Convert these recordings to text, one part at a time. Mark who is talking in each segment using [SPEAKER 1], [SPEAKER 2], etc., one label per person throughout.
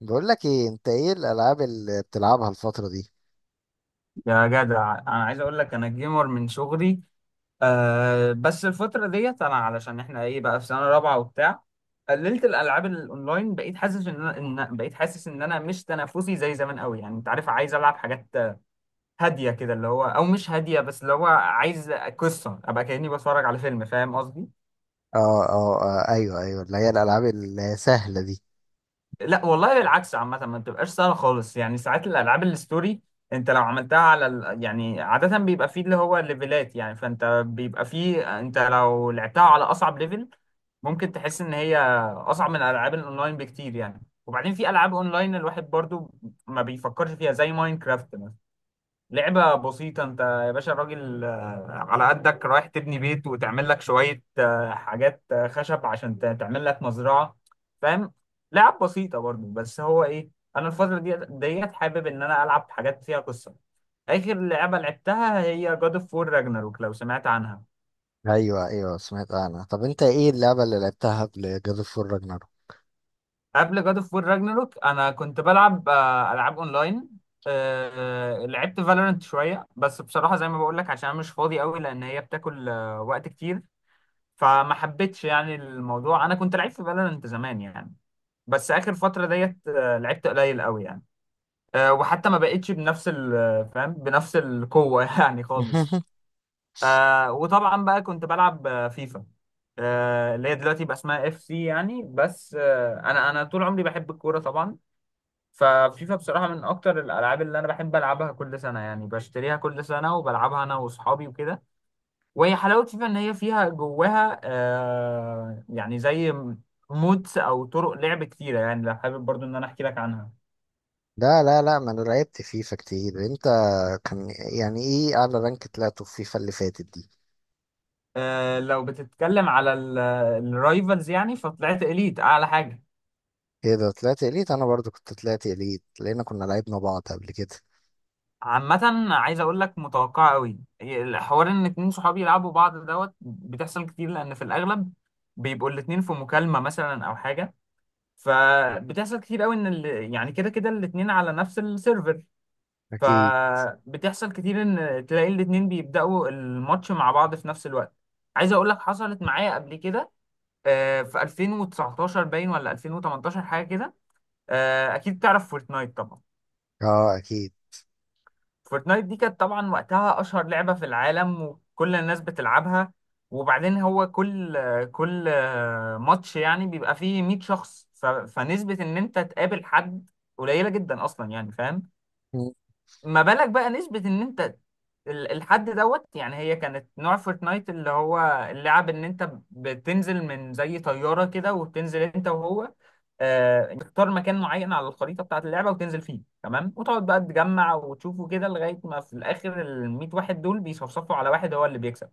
[SPEAKER 1] بقول لك ايه، انت ايه الالعاب اللي بتلعبها الفتره دي؟
[SPEAKER 2] يا جدع، انا عايز اقول لك انا جيمر من صغري. آه، بس الفتره ديت انا علشان احنا ايه بقى في سنه رابعه وبتاع، قللت الالعاب الاونلاين. بقيت حاسس ان بقيت حاسس ان انا مش تنافسي زي زمان قوي، يعني انت عارف عايز العب حاجات هاديه كده، اللي هو او مش هاديه، بس اللي هو عايز قصه ابقى كاني بتفرج على فيلم، فاهم قصدي؟
[SPEAKER 1] اه. اه، ايوه، ايوه، اللي هي الالعاب السهله دي.
[SPEAKER 2] لا والله، بالعكس، عامة ما بتبقاش سهلة خالص يعني. ساعات الألعاب الستوري أنت لو عملتها على يعني عادة بيبقى فيه اللي هو الليفلات يعني، فأنت بيبقى فيه أنت لو لعبتها على أصعب ليفل ممكن تحس إن هي أصعب من الألعاب الأونلاين بكتير يعني. وبعدين في ألعاب أونلاين الواحد برضو ما بيفكرش فيها، زي ماينكرافت. لعبة بسيطة. انت يا باشا الراجل على قدك رايح تبني بيت وتعمل لك شوية حاجات، خشب عشان تعمل لك مزرعة، فاهم. لعب بسيطة برضو، بس هو ايه، انا الفترة دي ديت حابب ان انا العب حاجات فيها قصة. اخر لعبة لعبتها هي جاد اوف وور راجناروك، لو سمعت عنها.
[SPEAKER 1] ايوه ايوه، سمعت عنها. طب انت ايه اللعبه اللي لعبتها قبل جاد اوف وور راجناروك؟
[SPEAKER 2] قبل جاد اوف وور راجناروك انا كنت بلعب العاب اونلاين. لعبت فالورنت شوية، بس بصراحة زي ما بقول لك عشان انا مش فاضي قوي لان هي بتاكل وقت كتير، فما حبيتش يعني الموضوع. انا كنت لعيب في فالورانت زمان يعني، بس اخر فتره ديت لعبت قليل قوي يعني. وحتى ما بقتش فاهم، بنفس القوه يعني خالص. وطبعا بقى كنت بلعب فيفا، اللي هي دلوقتي بقى اسمها اف سي يعني، بس انا طول عمري بحب الكوره طبعا. ففيفا بصراحه من اكتر الالعاب اللي انا بحب العبها. كل سنه يعني بشتريها كل سنه وبلعبها انا واصحابي وكده. وهي حلاوة فيفا إن هي فيها جواها آه يعني زي مودز أو طرق لعب كتيرة، يعني لو حابب برضو إن أنا أحكي لك عنها.
[SPEAKER 1] لا، ما انا لعبت فيفا كتير. انت كان يعني ايه اعلى رانك طلعته في فيفا اللي فاتت دي؟
[SPEAKER 2] آه، لو بتتكلم على الرايفلز يعني، فطلعت إليت أعلى حاجة.
[SPEAKER 1] ايه ده، طلعت اليت؟ انا برضو كنت طلعت اليت، لان كنا لعبنا بعض قبل كده.
[SPEAKER 2] عامة عايز أقول لك متوقعة أوي الحوار إن اتنين صحابي يلعبوا بعض دوت، بتحصل كتير لأن في الأغلب بيبقوا الاتنين في مكالمة مثلا أو حاجة. فبتحصل كتير أوي إن يعني كده كده الاتنين على نفس السيرفر.
[SPEAKER 1] اكيد.
[SPEAKER 2] فبتحصل كتير ان تلاقي الاتنين بيبدأوا الماتش مع بعض في نفس الوقت. عايز اقول لك حصلت معايا قبل كده في 2019 باين ولا 2018، حاجة كده. اكيد تعرف فورتنايت طبعا.
[SPEAKER 1] اه اكيد.
[SPEAKER 2] فورتنايت دي كانت طبعا وقتها اشهر لعبة في العالم وكل الناس بتلعبها. وبعدين هو كل ماتش يعني بيبقى فيه 100 شخص، فنسبة ان انت تقابل حد قليلة جدا اصلا يعني، فاهم.
[SPEAKER 1] مم.
[SPEAKER 2] ما بالك بقى نسبة ان انت الحد دوت. يعني هي كانت نوع فورتنايت اللي هو اللعب ان انت بتنزل من زي طيارة كده، وبتنزل انت وهو تختار مكان معين على الخريطة بتاعة اللعبة وتنزل فيه، تمام، وتقعد بقى تجمع وتشوفه كده لغاية ما في الآخر ال 100 واحد دول بيصفصفوا على واحد هو اللي بيكسب.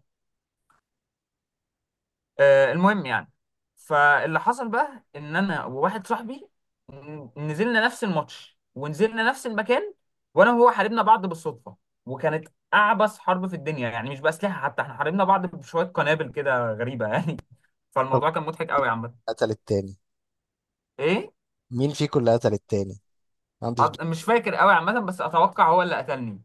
[SPEAKER 2] المهم يعني، فاللي حصل بقى ان انا وواحد صاحبي نزلنا نفس الماتش ونزلنا نفس المكان، وانا وهو حاربنا بعض بالصدفه. وكانت اعبث حرب في الدنيا يعني، مش باسلحه حتى، احنا حاربنا بعض بشويه قنابل كده غريبه يعني
[SPEAKER 1] طب
[SPEAKER 2] فالموضوع كان مضحك قوي عامه.
[SPEAKER 1] قتل التاني
[SPEAKER 2] ايه؟
[SPEAKER 1] مين فيكم اللي قتل التاني؟ عندي فضول.
[SPEAKER 2] مش فاكر قوي عامه، بس اتوقع هو اللي قتلني.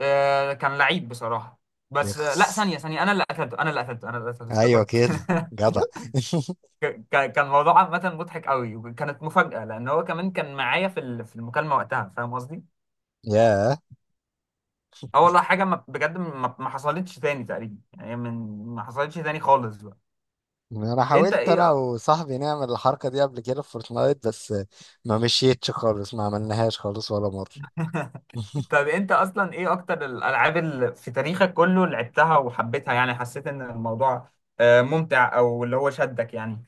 [SPEAKER 2] آه كان لعيب بصراحه. بس لا،
[SPEAKER 1] بيخس.
[SPEAKER 2] ثانيه ثانيه، انا اللي قتلته، انا اللي قتلته، انا اللي قتلته،
[SPEAKER 1] ايوه
[SPEAKER 2] افتكرت.
[SPEAKER 1] كده. جدع.
[SPEAKER 2] كان الموضوع عامة مضحك قوي، وكانت مفاجأة لأن هو كمان كان معايا في في المكالمة وقتها، فاهم قصدي؟
[SPEAKER 1] ياه.
[SPEAKER 2] اه والله حاجة، ما بجد، ما حصلتش تاني تقريبا يعني، من ما حصلتش تاني خالص بقى.
[SPEAKER 1] انا
[SPEAKER 2] أنت
[SPEAKER 1] حاولت
[SPEAKER 2] إيه
[SPEAKER 1] انا وصاحبي نعمل الحركه دي قبل كده في فورتنايت، بس ما مشيتش خالص، ما عملناهاش خالص ولا مره.
[SPEAKER 2] طب أنت أصلا إيه أكتر الألعاب اللي في تاريخك كله اللي لعبتها وحبيتها يعني، حسيت إن الموضوع ممتع أو اللي هو شدك يعني؟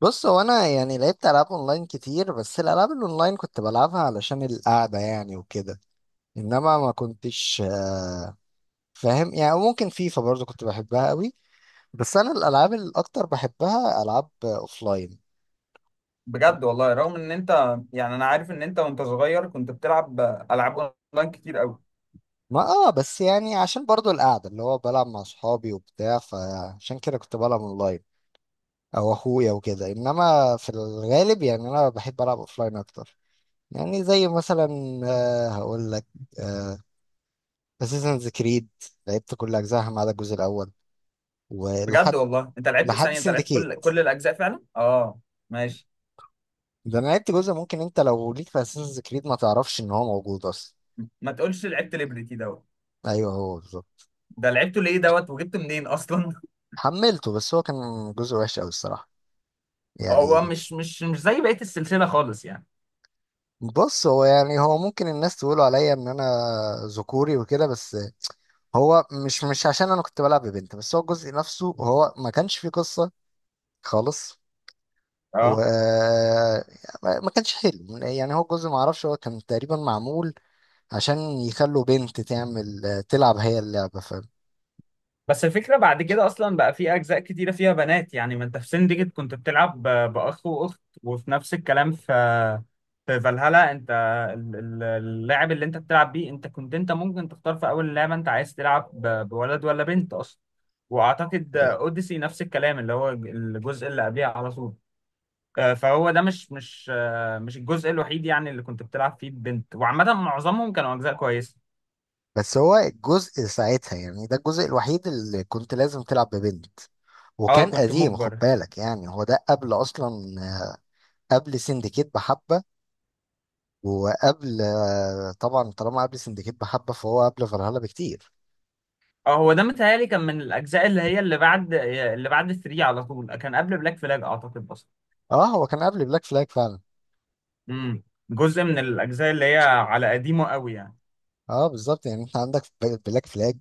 [SPEAKER 1] بص، هو انا يعني لعبت العاب اونلاين كتير، بس الالعاب الاونلاين كنت بلعبها علشان القعده يعني وكده. انما ما كنتش فاهم يعني. ممكن فيفا برضو كنت بحبها قوي، بس انا الالعاب الاكتر بحبها العاب اوفلاين.
[SPEAKER 2] بجد والله، رغم إن أنت يعني، أنا عارف إن أنت وأنت صغير كنت بتلعب ألعاب أونلاين كتير قوي.
[SPEAKER 1] ما اه، بس يعني عشان برضو القعدة اللي هو بلعب مع صحابي وبتاع، فعشان كده كنت بلعب اونلاين، او اخويا وكده. انما في الغالب يعني انا بحب العب اوفلاين اكتر. يعني زي مثلا، آه هقول لك، اساسنز كريد. لعبت كل اجزائها ما عدا الجزء الاول، ولحد
[SPEAKER 2] بجد والله انت لعبت؟
[SPEAKER 1] لحد
[SPEAKER 2] ثانية، انت لعبت
[SPEAKER 1] سندكيت.
[SPEAKER 2] كل الاجزاء فعلا؟ اه. ماشي.
[SPEAKER 1] ده انا لعبت جزء ممكن انت لو ليك في اساسنز كريد ما تعرفش ان هو موجود اصلا.
[SPEAKER 2] ما تقولش لعبت ليبرتي دوت؟
[SPEAKER 1] ايوه هو بالظبط.
[SPEAKER 2] ده لعبته ليه دوت، وجبته منين اصلا؟
[SPEAKER 1] حملته، بس هو كان جزء وحش قوي الصراحة.
[SPEAKER 2] هو
[SPEAKER 1] يعني
[SPEAKER 2] مش زي بقية السلسلة خالص يعني.
[SPEAKER 1] بص، هو يعني هو ممكن الناس تقولوا عليا ان انا ذكوري وكده، بس هو مش عشان انا كنت بلعب ببنت، بس هو الجزء نفسه هو ما كانش فيه قصة خالص. و
[SPEAKER 2] اه،
[SPEAKER 1] ما كانش حلو يعني. هو الجزء ما اعرفش، هو كان تقريبا معمول عشان يخلوا بنت تلعب هي اللعبة، ف...
[SPEAKER 2] بس الفكرة بعد كده أصلا بقى في أجزاء كتيرة فيها بنات يعني. ما أنت في سندجت كنت بتلعب بأخ وأخت، وفي نفس الكلام في فالهالا أنت اللاعب اللي أنت بتلعب بيه، أنت كنت، أنت ممكن تختار في أول اللعبة أنت عايز تلعب بولد ولا بنت أصلا. وأعتقد أوديسي نفس الكلام، اللي هو الجزء اللي قبليه على طول. فهو ده مش الجزء الوحيد يعني اللي كنت بتلعب فيه بنت، وعامة معظمهم كانوا أجزاء كويسة.
[SPEAKER 1] بس هو الجزء ساعتها، يعني ده الجزء الوحيد اللي كنت لازم تلعب ببنت.
[SPEAKER 2] أه
[SPEAKER 1] وكان
[SPEAKER 2] كنت
[SPEAKER 1] قديم خد
[SPEAKER 2] مجبر.
[SPEAKER 1] بالك، يعني هو ده قبل اصلا، قبل سندكيت بحبة. وقبل طبعا طالما قبل سندكيت بحبه فهو قبل فالهالا بكتير.
[SPEAKER 2] اه، هو ده متهيألي كان من الأجزاء اللي هي اللي بعد اللي بعد 3 على طول، كان قبل بلاك فلاج أعتقد أصلا.
[SPEAKER 1] اه هو كان قبل بلاك فلاج فعلا.
[SPEAKER 2] امم جزء من الأجزاء اللي هي على قديمه قوي يعني.
[SPEAKER 1] اه بالظبط. يعني انت عندك بلاك فلاج،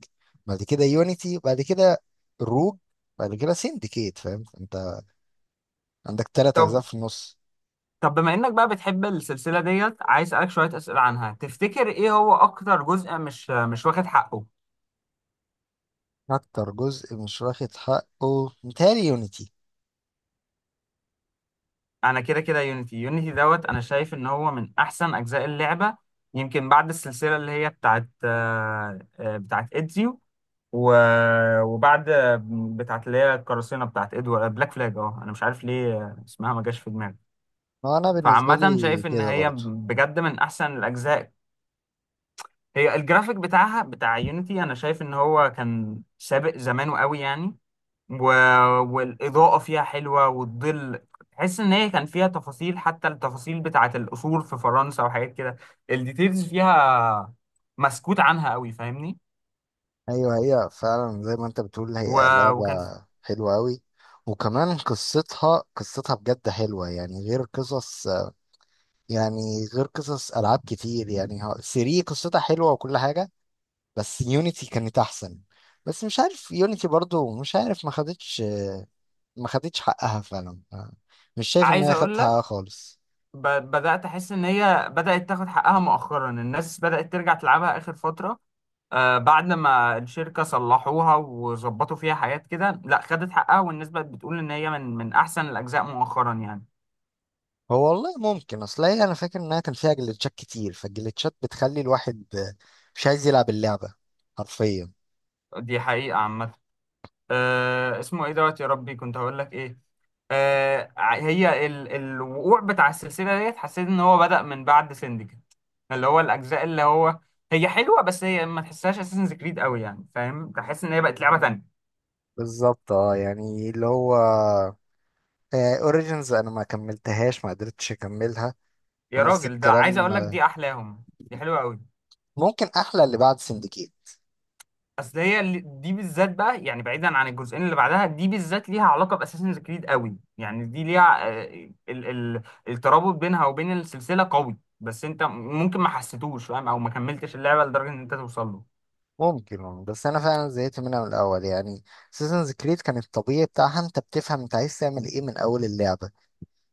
[SPEAKER 1] بعد كده يونيتي، بعد كده روج، بعد كده سندكيت. فاهم، انت عندك تلات اجزاء
[SPEAKER 2] طب،
[SPEAKER 1] في النص.
[SPEAKER 2] بما إنك بقى بتحب السلسلة ديت، عايز أسألك شوية أسئلة عنها. تفتكر إيه هو أكتر جزء مش واخد حقه؟
[SPEAKER 1] اكتر جزء مش واخد حقه متهيألي يونيتي.
[SPEAKER 2] أنا كده كده يونيتي. يونيتي دوت، أنا شايف إن هو من أحسن أجزاء اللعبة، يمكن بعد السلسلة اللي هي بتاعت بتاعت إدزيو، وبعد بتاعت اللي هي القراصنه بتاعت ادوارد، بلاك فلاج. اه، انا مش عارف ليه اسمها ما جاش في دماغي.
[SPEAKER 1] هو انا بالنسبه
[SPEAKER 2] فعامة
[SPEAKER 1] لي
[SPEAKER 2] شايف ان
[SPEAKER 1] كده
[SPEAKER 2] هي
[SPEAKER 1] برضو.
[SPEAKER 2] بجد من احسن الاجزاء. هي الجرافيك بتاعها بتاع يونيتي، انا شايف ان هو كان سابق زمانه قوي يعني. و... والاضاءة فيها حلوة والظل، تحس ان هي كان فيها تفاصيل، حتى التفاصيل بتاعت القصور في فرنسا وحاجات كده. الديتيلز فيها مسكوت عنها قوي، فاهمني.
[SPEAKER 1] ايوه هي فعلا زي ما انت بتقول، هي
[SPEAKER 2] و...
[SPEAKER 1] لعبه
[SPEAKER 2] وكان في...
[SPEAKER 1] حلوه قوي. وكمان قصتها، بجد حلوه، يعني غير قصص ألعاب كتير. يعني ها- 3 قصتها حلوة وكل حاجة، بس يونيتي كانت أحسن. بس مش عارف، يونيتي برضو مش عارف ما خدتش، ما خدتش حقها فعلا. آه، مش شايف إن
[SPEAKER 2] عايز
[SPEAKER 1] هي خدت
[SPEAKER 2] اقول لك،
[SPEAKER 1] حقها خالص.
[SPEAKER 2] بدأت أحس إن هي بدأت تاخد حقها مؤخرا. الناس بدأت ترجع تلعبها آخر فترة، آه، بعد ما الشركة صلحوها وظبطوا فيها حاجات كده. لا، خدت حقها، والناس بقت بتقول إن هي من أحسن الأجزاء مؤخرا يعني.
[SPEAKER 1] هو والله ممكن، أصل هي أنا فاكر إنها كان فيها جليتشات كتير، فالجليتشات بتخلي الواحد مش عايز يلعب اللعبة حرفيا.
[SPEAKER 2] دي حقيقة عامة. آه اسمه إيه دوت، يا ربي كنت هقول لك إيه. آه هي الوقوع بتاع السلسلة ديت، حسيت إن هو بدأ من بعد سندكت، اللي هو الأجزاء اللي هو هي حلوة، بس هي ما تحسهاش أساسنز كريد قوي يعني، فاهم، تحس إن هي بقت لعبة تانية.
[SPEAKER 1] بالظبط. اه يعني اللي هو اوريجينز انا ما كملتهاش، ما قدرتش اكملها.
[SPEAKER 2] يا
[SPEAKER 1] ونفس
[SPEAKER 2] راجل، ده عايز
[SPEAKER 1] الكلام
[SPEAKER 2] اقول لك
[SPEAKER 1] آه،
[SPEAKER 2] دي احلاهم. دي حلوه قوي.
[SPEAKER 1] ممكن احلى اللي بعد سندكيت.
[SPEAKER 2] اصل هي دي بالذات بقى، يعني بعيدا عن الجزئين اللي بعدها، دي بالذات ليها علاقه باساسنز كريد قوي يعني. دي ليها آه، ال الترابط بينها وبين السلسله قوي، بس انت ممكن ما حسيتوش فاهم، او ما كملتش اللعبه لدرجه ان انت توصل له.
[SPEAKER 1] ممكن والله، بس انا فعلا زهقت منها من الاول يعني. سيزنز كريد كان الطبيعي بتاعها انت بتفهم انت عايز تعمل ايه من اول اللعبه،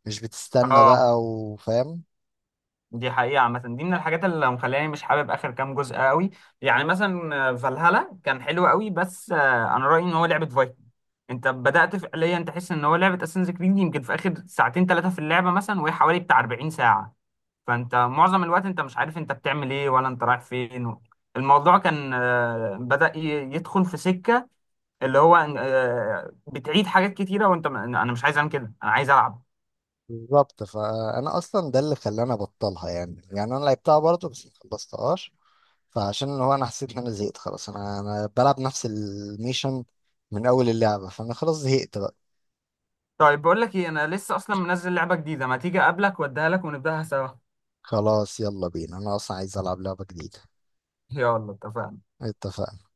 [SPEAKER 1] مش بتستنى
[SPEAKER 2] اه،
[SPEAKER 1] بقى وفاهم.
[SPEAKER 2] دي حقيقة عامة. دي من الحاجات اللي مخلاني مش حابب آخر كام جزء قوي. يعني مثلا فالهالا كان حلو قوي، بس أنا رأيي إن هو لعبة فايكنج. أنت بدأت فعليا تحس إن هو لعبة أساسنز كريد يمكن في آخر ساعتين ثلاثة في اللعبة مثلا، وهي حوالي بتاع 40 ساعة. فأنت معظم الوقت أنت مش عارف أنت بتعمل إيه ولا أنت رايح فين. الموضوع كان، بدأ يدخل في سكة اللي هو بتعيد حاجات كتيرة، أنا مش عايز أعمل كده، أنا عايز ألعب.
[SPEAKER 1] بالظبط. فانا اصلا ده اللي خلاني ابطلها. يعني، يعني انا لعبتها برضه بس ما خلصتهاش. فعشان اللي هو انا حسيت ان انا زهقت خلاص، انا بلعب نفس الميشن من اول اللعبه، فانا خلاص زهقت بقى.
[SPEAKER 2] طيب، بقول لك ايه، انا لسه اصلا منزل لعبه جديده، ما تيجي اقابلك واديها لك ونبداها سوا؟
[SPEAKER 1] خلاص يلا بينا، انا اصلا عايز العب لعبه جديده.
[SPEAKER 2] يلا اتفقنا.
[SPEAKER 1] اتفقنا.